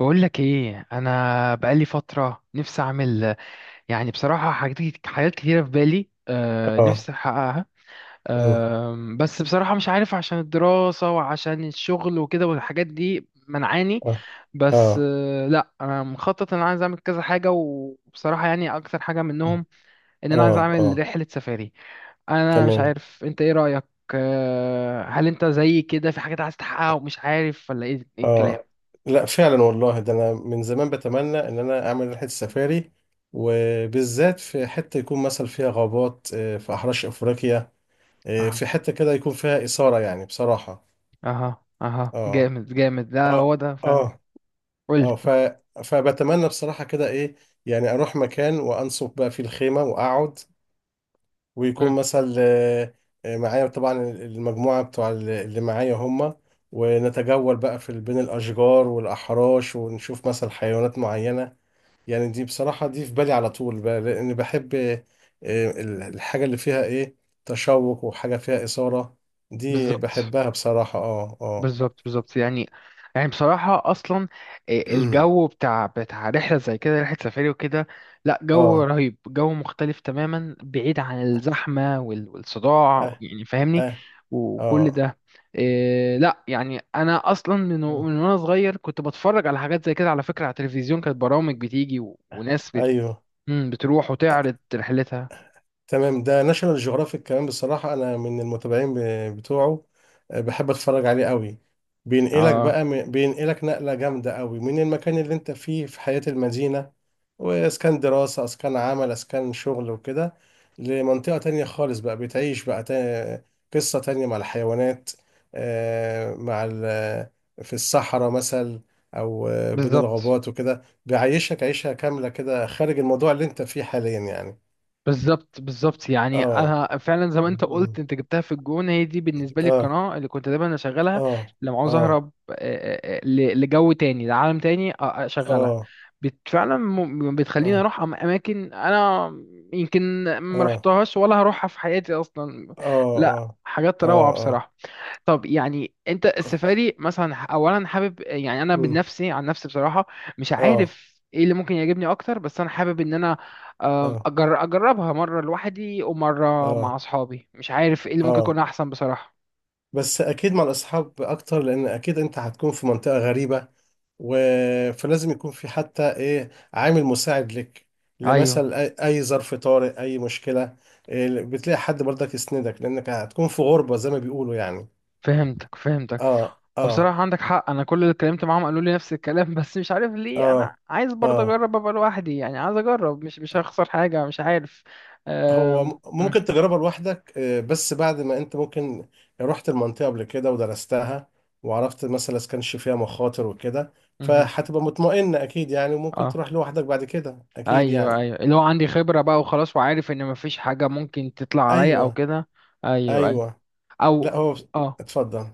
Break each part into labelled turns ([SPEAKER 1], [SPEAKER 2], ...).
[SPEAKER 1] بقول لك ايه؟ انا بقالي فتره نفسي اعمل، يعني بصراحه، حاجات كتيره في بالي،
[SPEAKER 2] اه.
[SPEAKER 1] نفسي احققها.
[SPEAKER 2] مم.
[SPEAKER 1] بس بصراحه مش عارف، عشان الدراسه وعشان الشغل وكده والحاجات دي منعاني.
[SPEAKER 2] اه،
[SPEAKER 1] بس
[SPEAKER 2] اه،
[SPEAKER 1] آه لا، انا مخطط ان انا عايز اعمل كذا حاجه، وبصراحه يعني اكتر حاجه منهم ان انا عايز
[SPEAKER 2] اه،
[SPEAKER 1] اعمل
[SPEAKER 2] اه.
[SPEAKER 1] رحله سفاري. انا مش
[SPEAKER 2] تمام.
[SPEAKER 1] عارف انت ايه رايك؟ هل انت زي كده في حاجات عايز تحققها ومش عارف، ولا ايه الكلام؟
[SPEAKER 2] اه. لا فعلا، والله، ده انا من زمان بتمنى ان انا اعمل رحله سفاري، وبالذات في حته يكون مثلا فيها غابات، في احراش افريقيا، في حته كده يكون فيها اثاره يعني بصراحه.
[SPEAKER 1] اها،
[SPEAKER 2] اه،
[SPEAKER 1] جامد جامد. لا، هو
[SPEAKER 2] اه،
[SPEAKER 1] ده فعلا.
[SPEAKER 2] اه،
[SPEAKER 1] قول
[SPEAKER 2] اه.
[SPEAKER 1] لي.
[SPEAKER 2] فبتمنى بصراحه كده ايه؟ يعني اروح مكان وانصب بقى فيه الخيمه واقعد، ويكون
[SPEAKER 1] مم.
[SPEAKER 2] مثلا معايا طبعا المجموعة بتوع اللي معايا هم، ونتجول بقى في بين الأشجار والأحراش، ونشوف مثلا حيوانات معينة. يعني دي بصراحة دي في بالي على طول بقى لأن بحب، الحاجة اللي فيها إيه؟ تشوق وحاجة فيها إثارة، دي
[SPEAKER 1] بالظبط
[SPEAKER 2] بحبها بصراحة. اه، اه.
[SPEAKER 1] بالظبط، يعني. يعني بصراحة، أصلا إيه الجو بتاع رحلة زي كده، رحلة سفاري وكده؟ لا، جو
[SPEAKER 2] اه،
[SPEAKER 1] رهيب، جو مختلف تماما، بعيد عن الزحمة والصداع،
[SPEAKER 2] اه،
[SPEAKER 1] يعني فاهمني؟
[SPEAKER 2] اه،
[SPEAKER 1] وكل
[SPEAKER 2] اه.
[SPEAKER 1] ده. إيه، لا، يعني أنا أصلا من وأنا صغير كنت بتفرج على حاجات زي كده، على فكرة، على التلفزيون كانت برامج بتيجي وناس
[SPEAKER 2] أيوه.
[SPEAKER 1] بتروح وتعرض رحلتها.
[SPEAKER 2] تمام. ده ناشونال جيوغرافيك كمان، بصراحة أنا من المتابعين بتوعه، بحب أتفرج عليه قوي. بينقلك
[SPEAKER 1] اه،
[SPEAKER 2] بقى بينقلك نقلة جامدة قوي من المكان اللي أنت فيه في حياة المدينة، وإسكان دراسة إسكان عمل إسكان شغل وكده، لمنطقة تانية خالص بقى، بتعيش بقى قصة تانية مع الحيوانات، آه، مع ال- في الصحراء مثلا، أو بين
[SPEAKER 1] بالظبط
[SPEAKER 2] الغابات وكده، بيعيشك عيشة كاملة كده خارج الموضوع اللي أنت فيه حاليا يعني.
[SPEAKER 1] بالظبط بالظبط، يعني
[SPEAKER 2] اه.
[SPEAKER 1] انا فعلا زي ما انت قلت،
[SPEAKER 2] مم.
[SPEAKER 1] انت جبتها في الجون. هي دي بالنسبه لي
[SPEAKER 2] اه،
[SPEAKER 1] القناه اللي كنت دايما اشغلها
[SPEAKER 2] اه،
[SPEAKER 1] لما عاوز
[SPEAKER 2] اه،
[SPEAKER 1] اهرب، لجو تاني، لعالم تاني. آه، اشغلها.
[SPEAKER 2] اه،
[SPEAKER 1] فعلا بتخليني
[SPEAKER 2] اه،
[SPEAKER 1] اروح اماكن انا يمكن ما
[SPEAKER 2] اه،
[SPEAKER 1] رحتهاش ولا هروحها في حياتي اصلا. لا،
[SPEAKER 2] اه،
[SPEAKER 1] حاجات
[SPEAKER 2] اه،
[SPEAKER 1] روعه
[SPEAKER 2] اه.
[SPEAKER 1] بصراحه. طب يعني انت السفاري مثلا، اولا حابب، يعني انا من
[SPEAKER 2] مم.
[SPEAKER 1] نفسي، عن نفسي بصراحه مش
[SPEAKER 2] اه،
[SPEAKER 1] عارف ايه اللي ممكن يعجبني اكتر، بس انا حابب ان انا
[SPEAKER 2] اه،
[SPEAKER 1] اجربها مره لوحدي ومره مع
[SPEAKER 2] اه،
[SPEAKER 1] اصحابي. مش عارف ايه اللي ممكن يكون
[SPEAKER 2] اه.
[SPEAKER 1] احسن بصراحه.
[SPEAKER 2] بس اكيد مع الاصحاب اكتر، لان اكيد انت هتكون في منطقة غريبة و... فلازم يكون في حتى ايه، عامل مساعد لك،
[SPEAKER 1] ايوه،
[SPEAKER 2] لمثلا اي أي ظرف طارئ، اي مشكلة، إيه، بتلاقي حد برضك يسندك، لانك هتكون في غربة زي ما بيقولوا يعني.
[SPEAKER 1] فهمتك فهمتك.
[SPEAKER 2] اه، اه،
[SPEAKER 1] وبصراحه عندك حق، انا كل اللي اتكلمت معاهم قالوا لي نفس الكلام بس مش عارف ليه انا
[SPEAKER 2] اه،
[SPEAKER 1] عايز برضه
[SPEAKER 2] اه.
[SPEAKER 1] اجرب ابقى لوحدي، يعني عايز اجرب، مش هخسر حاجه، مش عارف.
[SPEAKER 2] هو
[SPEAKER 1] أم... م-
[SPEAKER 2] ممكن تجربها لوحدك، بس بعد ما انت ممكن رحت المنطقة قبل كده ودرستها، وعرفت مثلا اذا كانش فيها مخاطر وكده،
[SPEAKER 1] مهم.
[SPEAKER 2] فهتبقى مطمئن اكيد يعني، وممكن
[SPEAKER 1] اه،
[SPEAKER 2] تروح لوحدك بعد كده اكيد
[SPEAKER 1] ايوه
[SPEAKER 2] يعني.
[SPEAKER 1] ايوه، اللي هو عندي خبره بقى وخلاص، وعارف ان مفيش حاجه ممكن تطلع عليا او
[SPEAKER 2] ايوه،
[SPEAKER 1] كده. ايوه ايوه.
[SPEAKER 2] ايوه. لا
[SPEAKER 1] او،
[SPEAKER 2] هو.
[SPEAKER 1] اه،
[SPEAKER 2] اتفضل.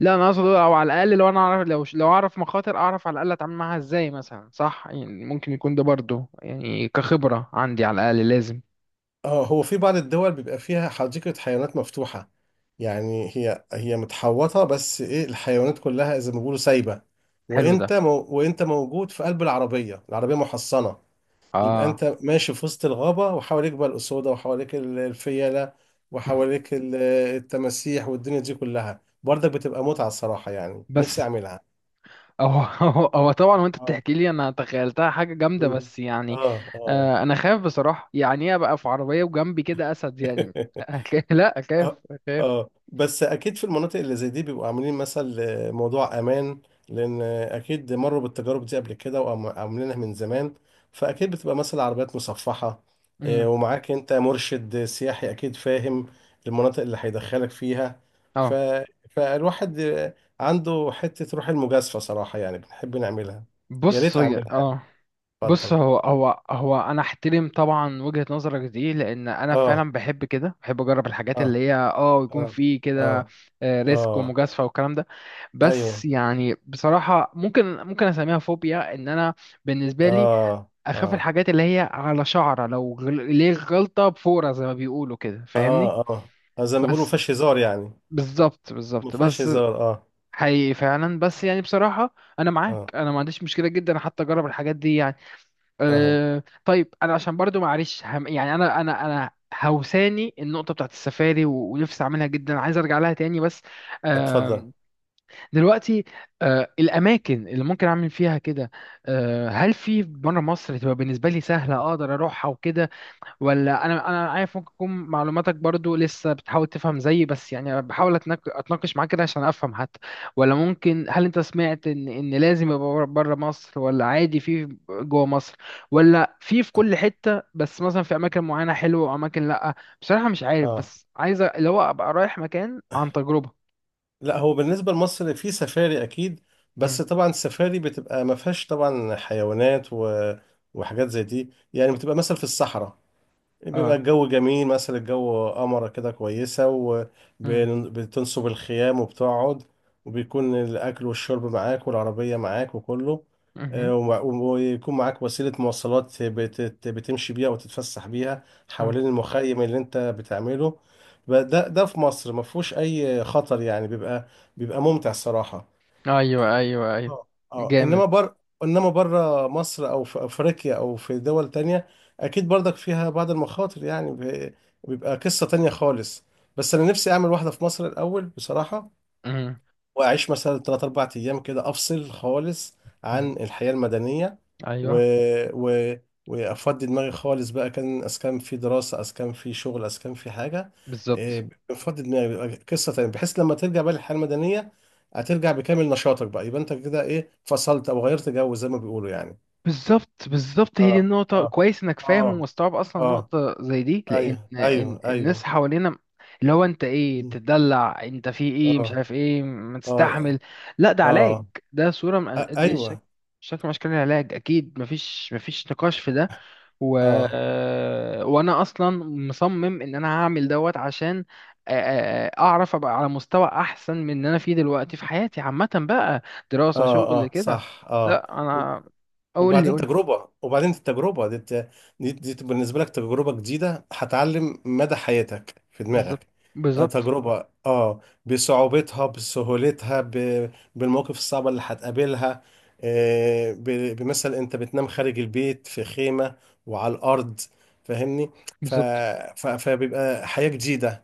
[SPEAKER 1] لا، انا اقصد او على الاقل لو انا اعرف، لو اعرف مخاطر، اعرف على الاقل اتعامل معاها ازاي مثلا، صح؟ يعني ممكن يكون ده برضو يعني كخبره عندي، على الاقل لازم.
[SPEAKER 2] اه، هو في بعض الدول بيبقى فيها حديقة حيوانات مفتوحة، يعني هي هي متحوطة بس ايه، الحيوانات كلها زي ما بيقولوا سايبة،
[SPEAKER 1] حلو ده.
[SPEAKER 2] وانت موجود في قلب العربية، العربية محصنة، يبقى
[SPEAKER 1] اه.
[SPEAKER 2] انت ماشي في وسط الغابة وحواليك بقى الأسودة، وحواليك الفيلة، وحواليك التماسيح، والدنيا دي كلها برضك بتبقى متعة الصراحة يعني، نفسي
[SPEAKER 1] بس
[SPEAKER 2] أعملها.
[SPEAKER 1] هو طبعا،
[SPEAKER 2] اه.
[SPEAKER 1] وانت
[SPEAKER 2] آه.
[SPEAKER 1] بتحكي لي انا تخيلتها حاجه جامده،
[SPEAKER 2] مم.
[SPEAKER 1] بس يعني
[SPEAKER 2] اه، اه.
[SPEAKER 1] انا خايف بصراحه، يعني ايه ابقى في عربيه وجنبي كده اسد يعني؟ لا،
[SPEAKER 2] اه،
[SPEAKER 1] اخاف اخاف.
[SPEAKER 2] اه. بس اكيد في المناطق اللي زي دي بيبقوا عاملين مثل موضوع امان، لان اكيد مروا بالتجارب دي قبل كده وعاملينها من زمان، فاكيد بتبقى مثلا عربيات مصفحة،
[SPEAKER 1] مم.
[SPEAKER 2] ومعاك انت مرشد سياحي اكيد فاهم المناطق اللي هيدخلك فيها. ف...
[SPEAKER 1] اه.
[SPEAKER 2] فالواحد عنده حتة روح المجازفة صراحة يعني، بنحب نعملها، يا
[SPEAKER 1] بص،
[SPEAKER 2] ريت اعملها يعني.
[SPEAKER 1] اه، بص،
[SPEAKER 2] اتفضل.
[SPEAKER 1] هو انا احترم طبعا وجهة نظرك دي، لان انا
[SPEAKER 2] اه،
[SPEAKER 1] فعلا بحب كده، بحب اجرب الحاجات اللي
[SPEAKER 2] اه،
[SPEAKER 1] هي، اه، يكون
[SPEAKER 2] اه،
[SPEAKER 1] في كده
[SPEAKER 2] اه،
[SPEAKER 1] ريسك
[SPEAKER 2] اه.
[SPEAKER 1] ومجازفة والكلام ده.
[SPEAKER 2] ايوه.
[SPEAKER 1] بس يعني بصراحة، ممكن اسميها فوبيا ان انا، بالنسبة لي،
[SPEAKER 2] اه،
[SPEAKER 1] اخاف
[SPEAKER 2] اه،
[SPEAKER 1] الحاجات اللي هي على شعرة، لو ليه غلطة بفورة زي ما بيقولوا كده، فاهمني؟
[SPEAKER 2] اه، اه. زي ما بيقولوا ما
[SPEAKER 1] بس
[SPEAKER 2] فيهاش هزار يعني.
[SPEAKER 1] بالظبط
[SPEAKER 2] ما
[SPEAKER 1] بالظبط.
[SPEAKER 2] فيهاش
[SPEAKER 1] بس
[SPEAKER 2] هزار. اه،
[SPEAKER 1] حقيقي فعلا. بس يعني بصراحة انا معاك،
[SPEAKER 2] اه،
[SPEAKER 1] انا ما عنديش مشكله جدا حتى اجرب الحاجات دي.
[SPEAKER 2] اه.
[SPEAKER 1] أه، طيب انا عشان برضو معلش هم، يعني انا هوساني النقطه بتاعت السفاري ونفسي اعملها جدا، عايز ارجع لها تاني. بس
[SPEAKER 2] اتفضل.
[SPEAKER 1] أه، دلوقتي، أه، الاماكن اللي ممكن اعمل فيها كده، أه، هل في بره مصر تبقى بالنسبه لي سهله اقدر اروحها وكده، ولا انا عارف ممكن تكون معلوماتك برضو لسه بتحاول تفهم زيي، بس يعني بحاول اتناقش معاك كده عشان افهم حتى؟ ولا ممكن، هل انت سمعت ان لازم يبقى بره مصر، ولا عادي في جوه مصر، ولا في كل حتة، بس مثلا في اماكن معينة حلوة واماكن لا؟ بصراحة مش عارف،
[SPEAKER 2] اه.
[SPEAKER 1] بس عايز اللي هو ابقى رايح مكان عن تجربة.
[SPEAKER 2] لا هو بالنسبه لمصر في سفاري اكيد،
[SPEAKER 1] امم.
[SPEAKER 2] بس طبعا السفاري بتبقى ما فيهاش طبعا حيوانات و... وحاجات زي دي يعني، بتبقى مثلا في الصحراء، بيبقى
[SPEAKER 1] اه.
[SPEAKER 2] الجو جميل مثلا، الجو قمرة كده كويسة،
[SPEAKER 1] امم.
[SPEAKER 2] وبتنصب الخيام وبتقعد، وبيكون الأكل والشرب معاك، والعربية معاك وكله،
[SPEAKER 1] امم.
[SPEAKER 2] ويكون معاك وسيلة مواصلات بتمشي بيها وتتفسح بيها
[SPEAKER 1] اه.
[SPEAKER 2] حوالين المخيم اللي انت بتعمله. ده ده في مصر ما فيهوش أي خطر يعني، بيبقى ممتع الصراحة.
[SPEAKER 1] ايوه ايوه ايوه.
[SPEAKER 2] اه، اه.
[SPEAKER 1] جامد.
[SPEAKER 2] انما بره مصر او في افريقيا او في دول تانية اكيد برضك فيها بعض المخاطر يعني، بيبقى قصة تانية خالص. بس انا نفسي اعمل واحدة في مصر الاول بصراحة،
[SPEAKER 1] امم.
[SPEAKER 2] واعيش مثلا 3 4 ايام كده، افصل خالص عن الحياة المدنية و...
[SPEAKER 1] ايوه.
[SPEAKER 2] و... وافضي دماغي خالص بقى، كان اسكان في دراسة اسكان في شغل اسكان في حاجة،
[SPEAKER 1] بالظبط
[SPEAKER 2] إيه، بفضي دماغي، بيبقى قصة تانية، بحيث لما ترجع بقى للحياة المدنية هترجع بكامل نشاطك بقى، يبقى انت كده ايه فصلت، او غيرت جو زي ما بيقولوا يعني.
[SPEAKER 1] بالظبط، هي دي
[SPEAKER 2] اه،
[SPEAKER 1] النقطة.
[SPEAKER 2] اه،
[SPEAKER 1] كويس انك فاهم
[SPEAKER 2] اه،
[SPEAKER 1] ومستوعب اصلا
[SPEAKER 2] اه.
[SPEAKER 1] نقطة زي دي، لان
[SPEAKER 2] ايوه،
[SPEAKER 1] إن
[SPEAKER 2] ايوه،
[SPEAKER 1] الناس
[SPEAKER 2] ايوه.
[SPEAKER 1] حوالينا اللي هو، انت ايه،
[SPEAKER 2] مم.
[SPEAKER 1] بتدلع، انت في ايه مش
[SPEAKER 2] اه،
[SPEAKER 1] عارف، ايه ما تستحمل؟
[SPEAKER 2] اه،
[SPEAKER 1] لا، ده علاج.
[SPEAKER 2] اه.
[SPEAKER 1] ده صورة دي
[SPEAKER 2] ايوه.
[SPEAKER 1] شكل من اشكال العلاج، اكيد مفيش، مفيش نقاش في ده. و...
[SPEAKER 2] اه،
[SPEAKER 1] وانا اصلا مصمم ان انا هعمل دوت عشان اعرف ابقى على مستوى احسن من ان انا فيه دلوقتي في حياتي عامة بقى، دراسة،
[SPEAKER 2] اه،
[SPEAKER 1] شغل
[SPEAKER 2] اه.
[SPEAKER 1] كده.
[SPEAKER 2] صح. اه.
[SPEAKER 1] لا، انا، اقول لي،
[SPEAKER 2] وبعدين
[SPEAKER 1] قول لي.
[SPEAKER 2] تجربة، وبعدين التجربة دي تبقى بالنسبة لك تجربة جديدة هتعلم مدى حياتك في
[SPEAKER 1] بالظبط
[SPEAKER 2] دماغك.
[SPEAKER 1] بالظبط.
[SPEAKER 2] تجربة اه، بصعوبتها بسهولتها ب... بالمواقف الصعبة اللي هتقابلها، آه، ب... بمثل انت بتنام خارج البيت في خيمة وعلى الأرض، فاهمني. ف...
[SPEAKER 1] بالظبط
[SPEAKER 2] ف... فبيبقى حياة جديدة،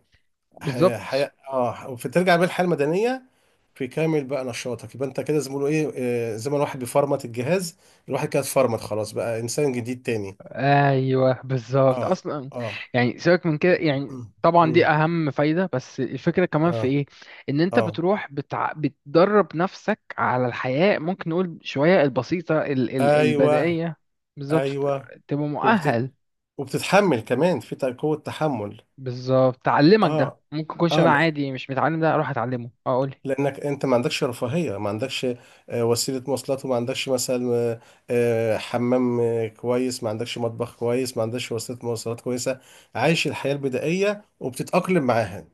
[SPEAKER 1] بالظبط.
[SPEAKER 2] حياة اه، فترجع بالحياة المدنية في كامل بقى نشاطك، يبقى انت كده زميله ايه، زي ما الواحد بيفرمت الجهاز، الواحد كده اتفرمت خلاص، بقى انسان جديد تاني.
[SPEAKER 1] ايوه بالظبط
[SPEAKER 2] اه،
[SPEAKER 1] اصلا.
[SPEAKER 2] اه.
[SPEAKER 1] يعني سيبك من كده، يعني
[SPEAKER 2] مم،
[SPEAKER 1] طبعا
[SPEAKER 2] مم،
[SPEAKER 1] دي اهم فايده، بس الفكره كمان في
[SPEAKER 2] اه،
[SPEAKER 1] ايه، ان انت
[SPEAKER 2] اه.
[SPEAKER 1] بتروح بتدرب نفسك على الحياه ممكن نقول شويه البسيطه،
[SPEAKER 2] ايوه،
[SPEAKER 1] البدائيه. بالظبط،
[SPEAKER 2] ايوه.
[SPEAKER 1] تبقى
[SPEAKER 2] وبت...
[SPEAKER 1] مؤهل.
[SPEAKER 2] وبتتحمل كمان في قوة تحمل.
[SPEAKER 1] بالظبط، تعلمك ده
[SPEAKER 2] اه،
[SPEAKER 1] ممكن يكونش انا
[SPEAKER 2] اه.
[SPEAKER 1] عادي مش متعلم ده، اروح اتعلمه اقول.
[SPEAKER 2] لانك انت ما عندكش رفاهيه، ما عندكش وسيله مواصلات، وما عندكش مثلا حمام كويس، ما عندكش مطبخ كويس، ما عندكش وسيله مواصلات كويسه، عايش الحياه البدائيه وبتتاقلم معاها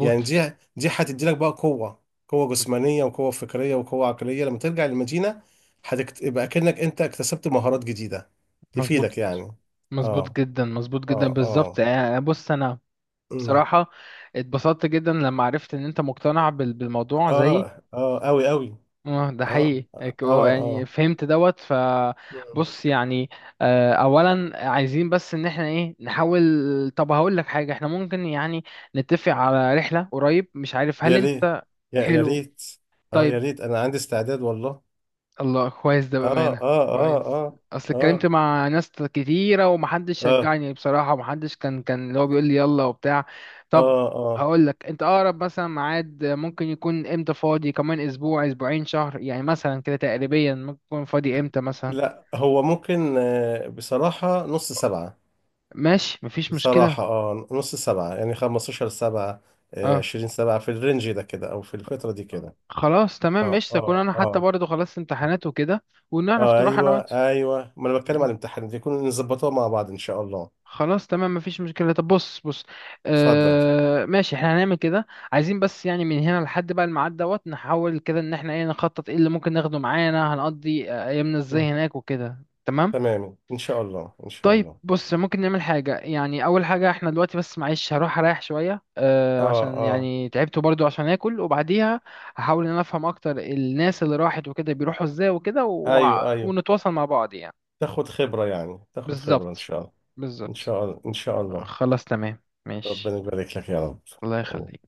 [SPEAKER 2] يعني. دي هتدي لك بقى قوه، قوه جسمانيه وقوه فكريه وقوه عقليه لما ترجع للمدينه، يبقى كأنك انت اكتسبت مهارات جديده
[SPEAKER 1] مظبوط،
[SPEAKER 2] تفيدك يعني.
[SPEAKER 1] مظبوط
[SPEAKER 2] اه،
[SPEAKER 1] جدا، مظبوط جدا
[SPEAKER 2] اه،
[SPEAKER 1] بالظبط.
[SPEAKER 2] اه.
[SPEAKER 1] بص انا،
[SPEAKER 2] أمم.
[SPEAKER 1] بصراحه، اتبسطت جدا لما عرفت ان انت مقتنع بالموضوع زيي.
[SPEAKER 2] اه، اه. اوي، اوي.
[SPEAKER 1] اه، ده
[SPEAKER 2] اه،
[SPEAKER 1] حقيقي،
[SPEAKER 2] اه،
[SPEAKER 1] يعني
[SPEAKER 2] اه.
[SPEAKER 1] فهمت دوت.
[SPEAKER 2] آه.
[SPEAKER 1] فبص يعني، اولا عايزين بس ان احنا ايه نحاول. طب هقول لك حاجه، احنا ممكن يعني نتفق على رحله قريب، مش عارف هل
[SPEAKER 2] يا ريت.
[SPEAKER 1] انت؟
[SPEAKER 2] يا
[SPEAKER 1] حلو.
[SPEAKER 2] ريت. اه، يا
[SPEAKER 1] طيب.
[SPEAKER 2] ريت، انا عندي استعداد والله.
[SPEAKER 1] الله، كويس ده
[SPEAKER 2] اه،
[SPEAKER 1] بأمانة.
[SPEAKER 2] اه، اه،
[SPEAKER 1] كويس.
[SPEAKER 2] اه،
[SPEAKER 1] اصل اتكلمت
[SPEAKER 2] اه،
[SPEAKER 1] مع ناس كتيرة ومحدش
[SPEAKER 2] اه،
[SPEAKER 1] شجعني بصراحة، ومحدش كان اللي هو بيقول لي يلا وبتاع. طب
[SPEAKER 2] اه، اه.
[SPEAKER 1] هقول لك، انت اقرب مثلا ميعاد ممكن يكون امتى فاضي، كمان اسبوع، اسبوعين، شهر، يعني مثلا كده تقريبا ممكن يكون فاضي امتى مثلا؟
[SPEAKER 2] لا هو ممكن، بصراحة نص سبعة،
[SPEAKER 1] ماشي، مفيش مشكلة.
[SPEAKER 2] بصراحة اه، نص سبعة يعني 15 سبعة،
[SPEAKER 1] اه،
[SPEAKER 2] 20 سبعة في الرينج ده كده، او في الفترة دي كده.
[SPEAKER 1] خلاص تمام
[SPEAKER 2] اه،
[SPEAKER 1] قشطة، كون
[SPEAKER 2] اه،
[SPEAKER 1] انا حتى
[SPEAKER 2] اه،
[SPEAKER 1] برضه خلصت امتحانات وكده ونعرف
[SPEAKER 2] اه.
[SPEAKER 1] نروح انا
[SPEAKER 2] ايوه، ايوه. ما انا بتكلم على
[SPEAKER 1] وانت.
[SPEAKER 2] الامتحان دي يكون نظبطها مع بعض ان شاء الله.
[SPEAKER 1] خلاص تمام، مفيش مشكلة. طب بص، بص،
[SPEAKER 2] اتفضل.
[SPEAKER 1] آه، ماشي، احنا هنعمل كده. عايزين بس يعني من هنا لحد بقى الميعاد دوت نحاول كده ان احنا ايه نخطط، ايه اللي ممكن ناخده معانا، هنقضي ايامنا ازاي
[SPEAKER 2] مم.
[SPEAKER 1] هناك وكده، تمام؟
[SPEAKER 2] تمام. ان شاء الله، ان شاء
[SPEAKER 1] طيب
[SPEAKER 2] الله.
[SPEAKER 1] بص، ممكن نعمل حاجة، يعني أول حاجة احنا دلوقتي، بس معلش هروح أريح شوية، آه،
[SPEAKER 2] اه،
[SPEAKER 1] عشان
[SPEAKER 2] اه.
[SPEAKER 1] يعني تعبت برضو، عشان آكل، وبعديها هحاول إن أنا أفهم أكتر الناس اللي راحت وكده بيروحوا إزاي وكده
[SPEAKER 2] ايوه، ايوه.
[SPEAKER 1] ونتواصل مع بعض يعني.
[SPEAKER 2] تاخد خبرة يعني، تاخد خبرة إن
[SPEAKER 1] بالظبط
[SPEAKER 2] شاء الله. إن
[SPEAKER 1] بالظبط.
[SPEAKER 2] شاء الله، إن شاء الله.
[SPEAKER 1] خلاص تمام
[SPEAKER 2] ربنا
[SPEAKER 1] ماشي.
[SPEAKER 2] يبارك لك يا
[SPEAKER 1] الله
[SPEAKER 2] رب.
[SPEAKER 1] يخليك.